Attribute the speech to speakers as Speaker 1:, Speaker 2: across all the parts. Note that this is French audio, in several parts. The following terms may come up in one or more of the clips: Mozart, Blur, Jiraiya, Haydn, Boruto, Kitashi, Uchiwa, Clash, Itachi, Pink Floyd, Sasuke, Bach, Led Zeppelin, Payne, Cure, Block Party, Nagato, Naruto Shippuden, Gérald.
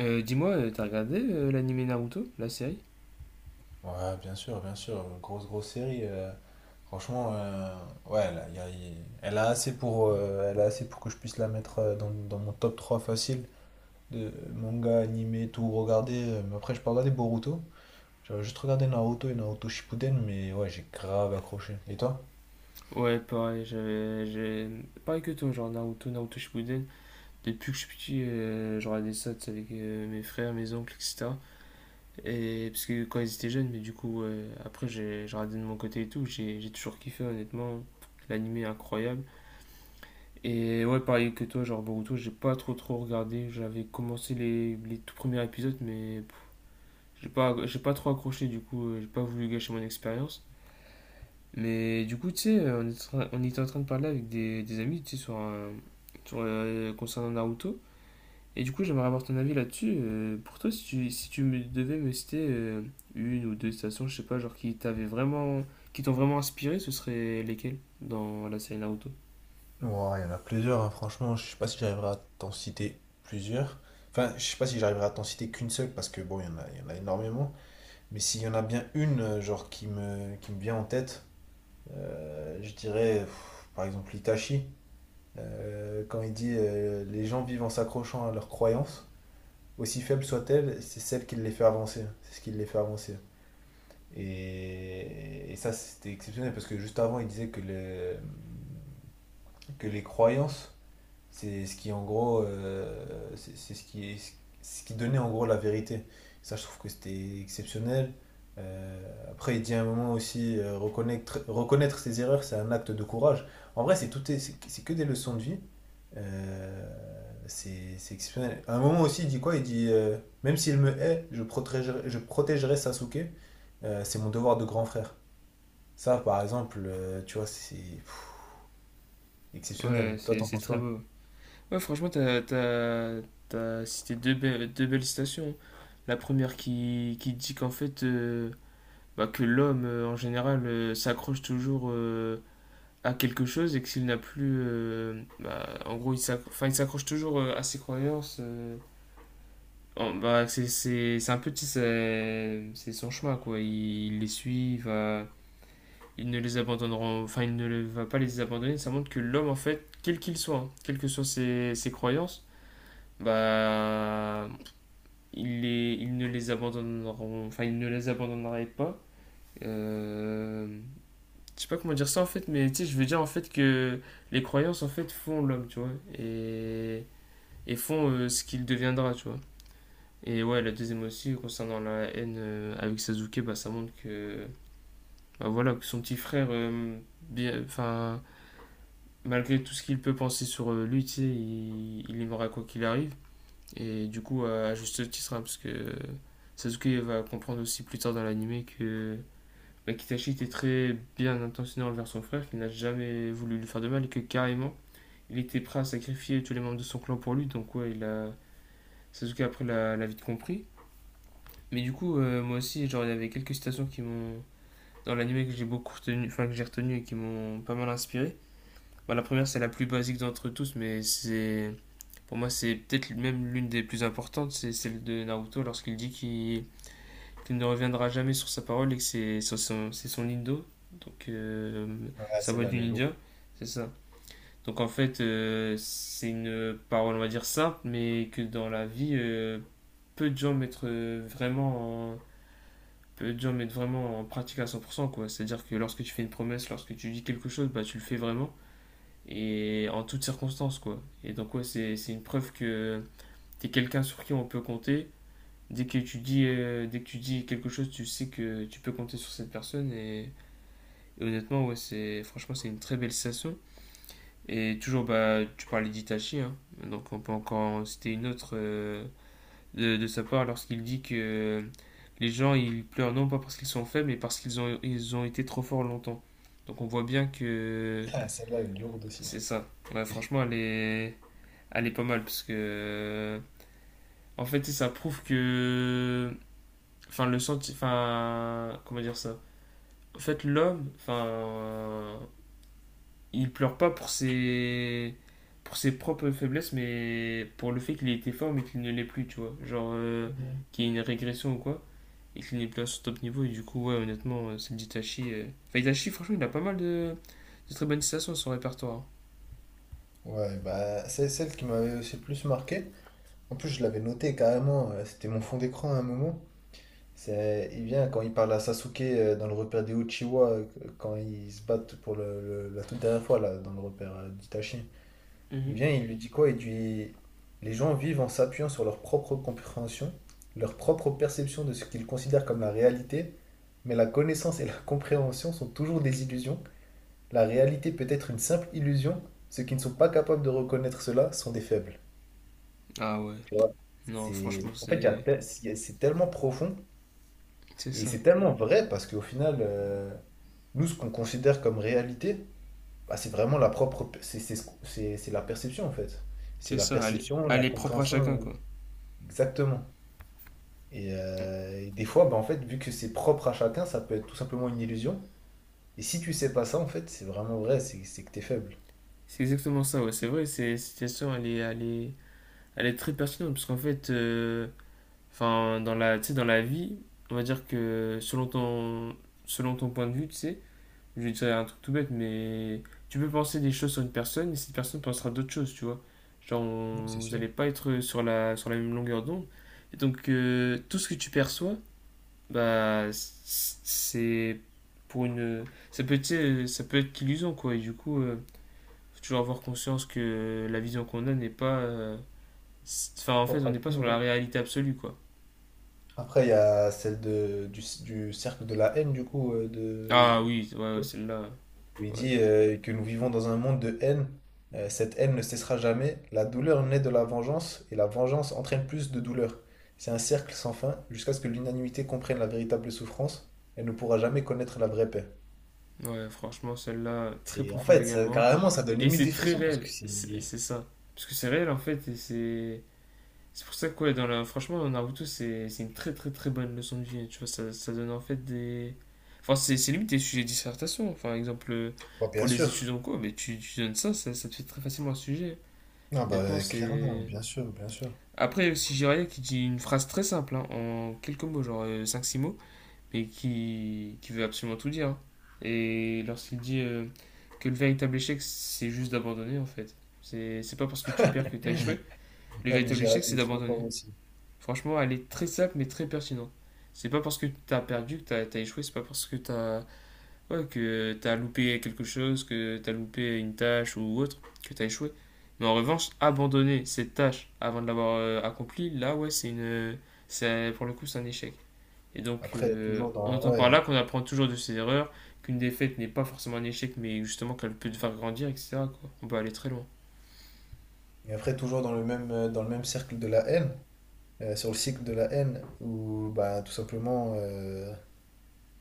Speaker 1: T'as regardé l'anime Naruto, la série?
Speaker 2: Ouais, bien sûr, bien sûr. Grosse, grosse série. Franchement, ouais, là, elle a assez pour, elle a assez pour que je puisse la mettre dans, dans mon top 3 facile de manga, animé, tout regarder. Mais après, je peux regarder Boruto. J'avais juste regardé Naruto et Naruto Shippuden, mais ouais, j'ai grave accroché. Et toi?
Speaker 1: Ouais, pareil, j'ai... Pareil que toi, genre Naruto, Naruto Shippuden. Depuis que je suis petit, je regardais ça tu sais, avec mes frères, mes oncles, etc. Et parce que quand ils étaient jeunes, mais du coup, ouais, après, j'ai regardé de mon côté et tout. J'ai toujours kiffé, honnêtement. L'anime est incroyable. Et ouais, pareil que toi, genre Boruto, j'ai pas trop regardé. J'avais commencé les tout premiers épisodes, mais pff, j'ai pas trop accroché, du coup, j'ai pas voulu gâcher mon expérience. Mais du coup, tu sais, on était en train de parler avec des amis, tu sais, concernant Naruto. Et du coup, j'aimerais avoir ton avis là-dessus. Pour toi, si tu me devais me citer une ou deux stations, je sais pas, genre qui t'ont vraiment inspiré, ce serait lesquelles dans la série Naruto?
Speaker 2: Ouais, il y en a plusieurs, hein, franchement. Je sais pas si j'arriverai à t'en citer plusieurs. Enfin, je sais pas si j'arriverai à t'en citer qu'une seule, parce que bon, il y en a énormément. Mais s'il y en a bien une, genre, qui me vient en tête. Je dirais, par exemple, Itachi, quand il dit les gens vivent en s'accrochant à leurs croyances, aussi faibles soient-elles, c'est celle qui les fait avancer. C'est ce qui les fait avancer. Et ça, c'était exceptionnel parce que juste avant, il disait que les croyances c'est ce qui, en gros, c'est ce qui donnait en gros la vérité. Ça, je trouve que c'était exceptionnel. Après, il dit à un moment aussi, reconnaître ses erreurs, c'est un acte de courage. En vrai, c'est tout, est- c'est que des leçons de vie. Euh, c'est exceptionnel. À un moment aussi, il dit quoi? Il dit, même s'il me hait, je protégerai Sasuke. C'est mon devoir de grand frère. Ça, par exemple, tu vois, c'est
Speaker 1: Ouais,
Speaker 2: exceptionnel. Toi,
Speaker 1: c'est
Speaker 2: t'en
Speaker 1: c'est
Speaker 2: penses
Speaker 1: très
Speaker 2: quoi?
Speaker 1: beau. Ouais, franchement, t'as cité deux belles citations. La première qui dit qu'en fait, bah, que l'homme en général s'accroche toujours à quelque chose et que s'il n'a plus. Bah, en gros, enfin, il s'accroche toujours à ses croyances. Oh, bah, c'est un petit. C'est son chemin, quoi. Il les suit, va, il ne les abandonnera. Enfin, il ne le- va pas les abandonner. Ça montre que l'homme, en fait, quel qu'il soit, hein, quelles que soient ses croyances, bah. Il ne les abandonneront. Enfin, il ne les abandonnerait pas. Euh, je sais pas comment dire ça en fait, mais tu sais, je veux dire en fait que les croyances en fait font l'homme, tu vois, et, et font ce qu'il deviendra, tu vois. Et ouais, la deuxième aussi, concernant la haine avec Sasuke, bah ça montre que, bah, voilà, que son petit frère, enfin, malgré tout ce qu'il peut penser sur lui, tu sais, il aimera quoi qu'il arrive. Et du coup, à juste titre, hein, parce que Sasuke va comprendre aussi plus tard dans l'anime que bah, Kitashi était très bien intentionné envers son frère, qu'il n'a jamais voulu lui faire de mal et que carrément, il était prêt à sacrifier tous les membres de son clan pour lui. Donc ouais, il a... Sasuke après l'a vite compris. Mais du coup, moi aussi, genre, il y avait quelques citations qui m'ont... Dans l'anime que j'ai beaucoup retenu, enfin que j'ai retenu et qui m'ont pas mal inspiré. Bah, la première, c'est la plus basique d'entre tous, mais c'est... Pour moi, c'est peut-être même l'une des plus importantes, c'est celle de Naruto lorsqu'il dit qu'il ne reviendra jamais sur sa parole et que c'est son indo, donc
Speaker 2: Ouais,
Speaker 1: sa voix
Speaker 2: celle-là,
Speaker 1: du
Speaker 2: elle est lourde.
Speaker 1: ninja, c'est ça. Donc en fait, c'est une parole, on va dire, simple, mais que dans la vie, peu de gens mettent euh, vraiment en, peu de gens mettent vraiment en pratique à 100%, quoi. C'est-à-dire que lorsque tu fais une promesse, lorsque tu dis quelque chose, bah, tu le fais vraiment, et en toutes circonstances, quoi. Et donc, ouais, c'est une preuve que t'es quelqu'un sur qui on peut compter, dès que tu dis quelque chose, tu sais que tu peux compter sur cette personne. Et honnêtement, ouais, c'est, franchement, c'est une très belle sensation. Et toujours, bah, tu parlais d'Itachi, hein. Donc on peut encore en citer une autre de sa part lorsqu'il dit que les gens, ils pleurent non pas parce qu'ils sont faibles, mais parce ils ont été trop forts longtemps. Donc on voit bien que
Speaker 2: Ah, celle-là, elle est lourde aussi.
Speaker 1: c'est ça. Ouais, franchement, elle est pas mal parce que en fait, ça prouve que, enfin, comment dire ça, en fait, il pleure pas pour pour ses propres faiblesses, mais pour le fait qu'il ait été fort, mais qu'il ne l'est plus, tu vois. Genre,
Speaker 2: Mhm.
Speaker 1: qu'il y ait une régression ou quoi, et qu'il n'est plus à son top niveau, et du coup, ouais, honnêtement, celle d'Itachi. Enfin, Itachi, franchement, il a pas mal de très bonnes citations à son répertoire.
Speaker 2: Ouais, bah, c'est celle qui m'avait aussi le plus marqué. En plus, je l'avais noté carrément, c'était mon fond d'écran à un moment. C'est, il vient quand il parle à Sasuke dans le repère des Uchiwa, quand ils se battent pour la toute dernière fois, là, dans le repère d'Itachi. Il
Speaker 1: Hein.
Speaker 2: vient, il lui dit quoi? Il dit, les gens vivent en s'appuyant sur leur propre compréhension, leur propre perception de ce qu'ils considèrent comme la réalité, mais la connaissance et la compréhension sont toujours des illusions. La réalité peut être une simple illusion. Ceux qui ne sont pas capables de reconnaître cela sont des faibles.
Speaker 1: Ah ouais,
Speaker 2: Tu vois?
Speaker 1: non,
Speaker 2: C'est,
Speaker 1: franchement,
Speaker 2: en fait, il y a
Speaker 1: c'est.
Speaker 2: te- c'est tellement profond
Speaker 1: C'est
Speaker 2: et
Speaker 1: ça.
Speaker 2: c'est tellement vrai parce qu'au final, nous, ce qu'on considère comme réalité, bah, c'est vraiment la propre, c'est ce qu'on- c'est la perception en fait. C'est
Speaker 1: C'est
Speaker 2: la
Speaker 1: ça,
Speaker 2: perception, la
Speaker 1: elle est propre à
Speaker 2: compréhension,
Speaker 1: chacun, quoi.
Speaker 2: exactement. Et des fois, bah, en fait, vu que c'est propre à chacun, ça peut être tout simplement une illusion. Et si tu sais pas ça, en fait, c'est que t'es faible.
Speaker 1: C'est exactement ça, ouais, c'est vrai, c'est- cette citation, elle est, elle est, elle est très pertinente, parce qu'en fait. Enfin, dans tu sais, dans la vie, on va dire que selon ton point de vue, tu sais, je vais dire un truc tout bête, mais tu peux penser des choses sur une personne et cette personne pensera d'autres choses, tu vois. Genre,
Speaker 2: Non, c'est
Speaker 1: vous
Speaker 2: sûr.
Speaker 1: n'allez pas être sur sur la même longueur d'onde. Et donc, tout ce que tu perçois, c'est pour une. Ça peut être, tu sais, ça peut être qu'illusion, quoi. Et du coup, faut toujours avoir conscience que la vision qu'on a n'est pas. Enfin, en fait,
Speaker 2: Propre
Speaker 1: on
Speaker 2: à
Speaker 1: n'est
Speaker 2: tout
Speaker 1: pas
Speaker 2: le
Speaker 1: sur
Speaker 2: monde,
Speaker 1: la
Speaker 2: ouais.
Speaker 1: réalité absolue, quoi.
Speaker 2: Après, il y a celle de, du cercle de la haine, du coup,
Speaker 1: Ah oui, ouais, ouais,
Speaker 2: de-
Speaker 1: celle-là.
Speaker 2: où il
Speaker 1: Ouais.
Speaker 2: dit que nous vivons dans un monde de haine. Cette haine ne cessera jamais. La douleur naît de la vengeance et la vengeance entraîne plus de douleur. C'est un cercle sans fin jusqu'à ce que l'unanimité comprenne la véritable souffrance. Elle ne pourra jamais connaître la vraie paix.
Speaker 1: Ouais, franchement, celle-là, très
Speaker 2: C'est, en
Speaker 1: profonde
Speaker 2: fait,
Speaker 1: également.
Speaker 2: carrément, ça donne
Speaker 1: Et
Speaker 2: limite
Speaker 1: c'est
Speaker 2: des
Speaker 1: très
Speaker 2: frissons parce
Speaker 1: réel,
Speaker 2: que
Speaker 1: c'est
Speaker 2: c'est.
Speaker 1: c'est ça. Parce que c'est réel en fait, et c'est pour ça que, ouais, dans la... franchement, dans Naruto, c'est une très bonne leçon de vie. Tu vois, ça donne en fait des. Enfin, c'est limite des sujets de dissertation. Enfin, exemple,
Speaker 2: Bah,
Speaker 1: pour
Speaker 2: bien
Speaker 1: les
Speaker 2: sûr.
Speaker 1: études en cours, mais tu donnes ça, ça te fait très facilement un sujet.
Speaker 2: Non,
Speaker 1: Honnêtement,
Speaker 2: bah, clairement,
Speaker 1: c'est.
Speaker 2: bien sûr, bien sûr.
Speaker 1: Après, aussi, Jiraiya qui dit une phrase très simple, hein, en quelques mots, genre cinq six mots, mais qui veut absolument tout dire. Hein. Et lorsqu'il dit que le véritable échec, c'est juste d'abandonner, en fait. C'est pas parce que tu perds que t'as échoué. Le
Speaker 2: Non, mais
Speaker 1: véritable échec,
Speaker 2: Gérald,
Speaker 1: c'est
Speaker 2: il est trop
Speaker 1: d'abandonner.
Speaker 2: fort aussi.
Speaker 1: Franchement, elle est très simple, mais très pertinente. C'est pas parce que t'as perdu que t'as échoué, c'est pas parce que t'as ouais, que t'as loupé quelque chose, que t'as loupé une tâche ou autre, que t'as échoué. Mais en revanche, abandonner cette tâche avant de l'avoir accomplie, là, ouais, c'est une. Pour le coup, c'est un échec. Et donc,
Speaker 2: Après, toujours
Speaker 1: on
Speaker 2: dans.
Speaker 1: entend par
Speaker 2: Ouais.
Speaker 1: là qu'on apprend toujours de ses erreurs, qu'une défaite n'est pas forcément un échec, mais justement qu'elle peut te faire grandir, etc. quoi. On peut aller très loin.
Speaker 2: Et après, toujours dans le même cercle de la haine, sur le cycle de la haine, où bah, tout simplement, euh,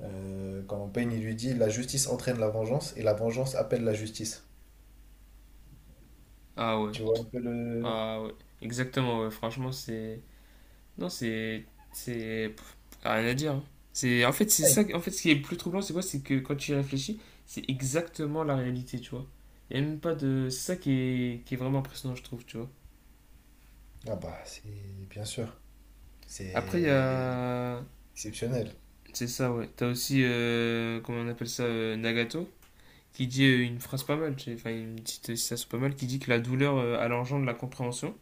Speaker 2: euh, quand Payne il lui dit la justice entraîne la vengeance et la vengeance appelle la justice.
Speaker 1: Ah ouais,
Speaker 2: Tu vois un peu le.
Speaker 1: ah ouais, exactement, ouais. Franchement, c'est. Non, c'est. C'est. Pff, rien à dire. Hein. C'est... En fait, c'est
Speaker 2: Aïe.
Speaker 1: ça. En fait, ce qui est le plus troublant, c'est quoi? C'est que quand tu y réfléchis, c'est exactement la réalité, tu vois. Il n'y a même pas de. C'est ça qui est vraiment impressionnant, je trouve, tu vois.
Speaker 2: Ah bah, c'est bien sûr,
Speaker 1: Après, il y
Speaker 2: c'est
Speaker 1: a.
Speaker 2: exceptionnel.
Speaker 1: C'est ça, ouais. T'as aussi. Comment on appelle ça? Nagato, qui dit une phrase pas mal, enfin une petite citation pas mal, qui dit que la douleur a l'engendre de la compréhension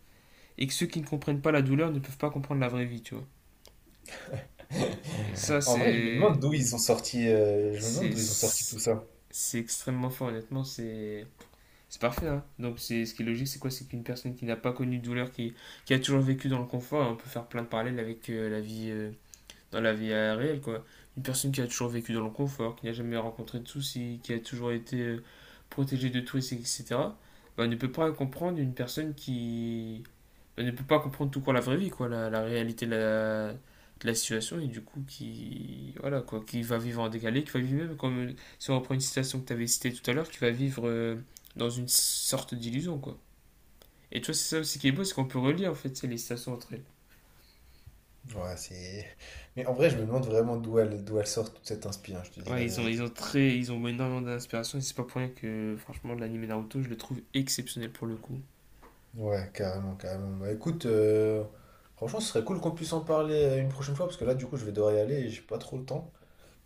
Speaker 1: et que ceux qui ne comprennent pas la douleur ne peuvent pas comprendre la vraie vie, tu vois. Et ça,
Speaker 2: En vrai,
Speaker 1: c'est.
Speaker 2: je me demande d'où ils ont sorti tout
Speaker 1: C'est
Speaker 2: ça.
Speaker 1: c'est extrêmement fort, honnêtement, c'est. C'est parfait, hein. Donc, c'est ce qui est logique, c'est quoi? C'est qu'une personne qui n'a pas connu de douleur, qui a toujours vécu dans le confort, hein, on peut faire plein de parallèles avec dans la vie réelle, quoi. Une personne qui a toujours vécu dans le confort, qui n'a jamais rencontré de soucis, qui a toujours été protégée de tout, et cetera ben, on ne peut pas comprendre une personne qui on ne peut pas comprendre tout court la vraie vie, quoi, la réalité de de la situation, et du coup, qui, voilà, quoi, qui va vivre en décalé, qui va vivre même, comme si on reprend une citation que tu avais citée tout à l'heure, qui va vivre dans une sorte d'illusion, quoi. Et tu vois, c'est ça aussi qui est beau, c'est qu'on peut relier, en fait, c'est les citations entre elles.
Speaker 2: Ouais, c'est. Mais en vrai, je me demande vraiment d'où elle sort toute cette inspiration, je te dis la
Speaker 1: Ouais,
Speaker 2: vérité.
Speaker 1: ils ont énormément d'inspiration et c'est pas pour rien que, franchement, l'anime Naruto, je le trouve exceptionnel pour le coup.
Speaker 2: Ouais, carrément, carrément. Bah écoute, franchement, ce serait cool qu'on puisse en parler une prochaine fois, parce que là, du coup, je vais devoir y aller et j'ai pas trop le temps.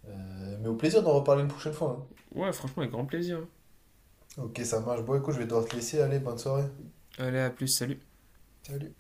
Speaker 2: Mais au plaisir d'en reparler une prochaine fois.
Speaker 1: Ouais, franchement, avec grand plaisir.
Speaker 2: Hein. Ok, ça marche. Bon, écoute, je vais devoir te laisser. Allez, bonne soirée.
Speaker 1: Allez, à plus, salut.
Speaker 2: Salut.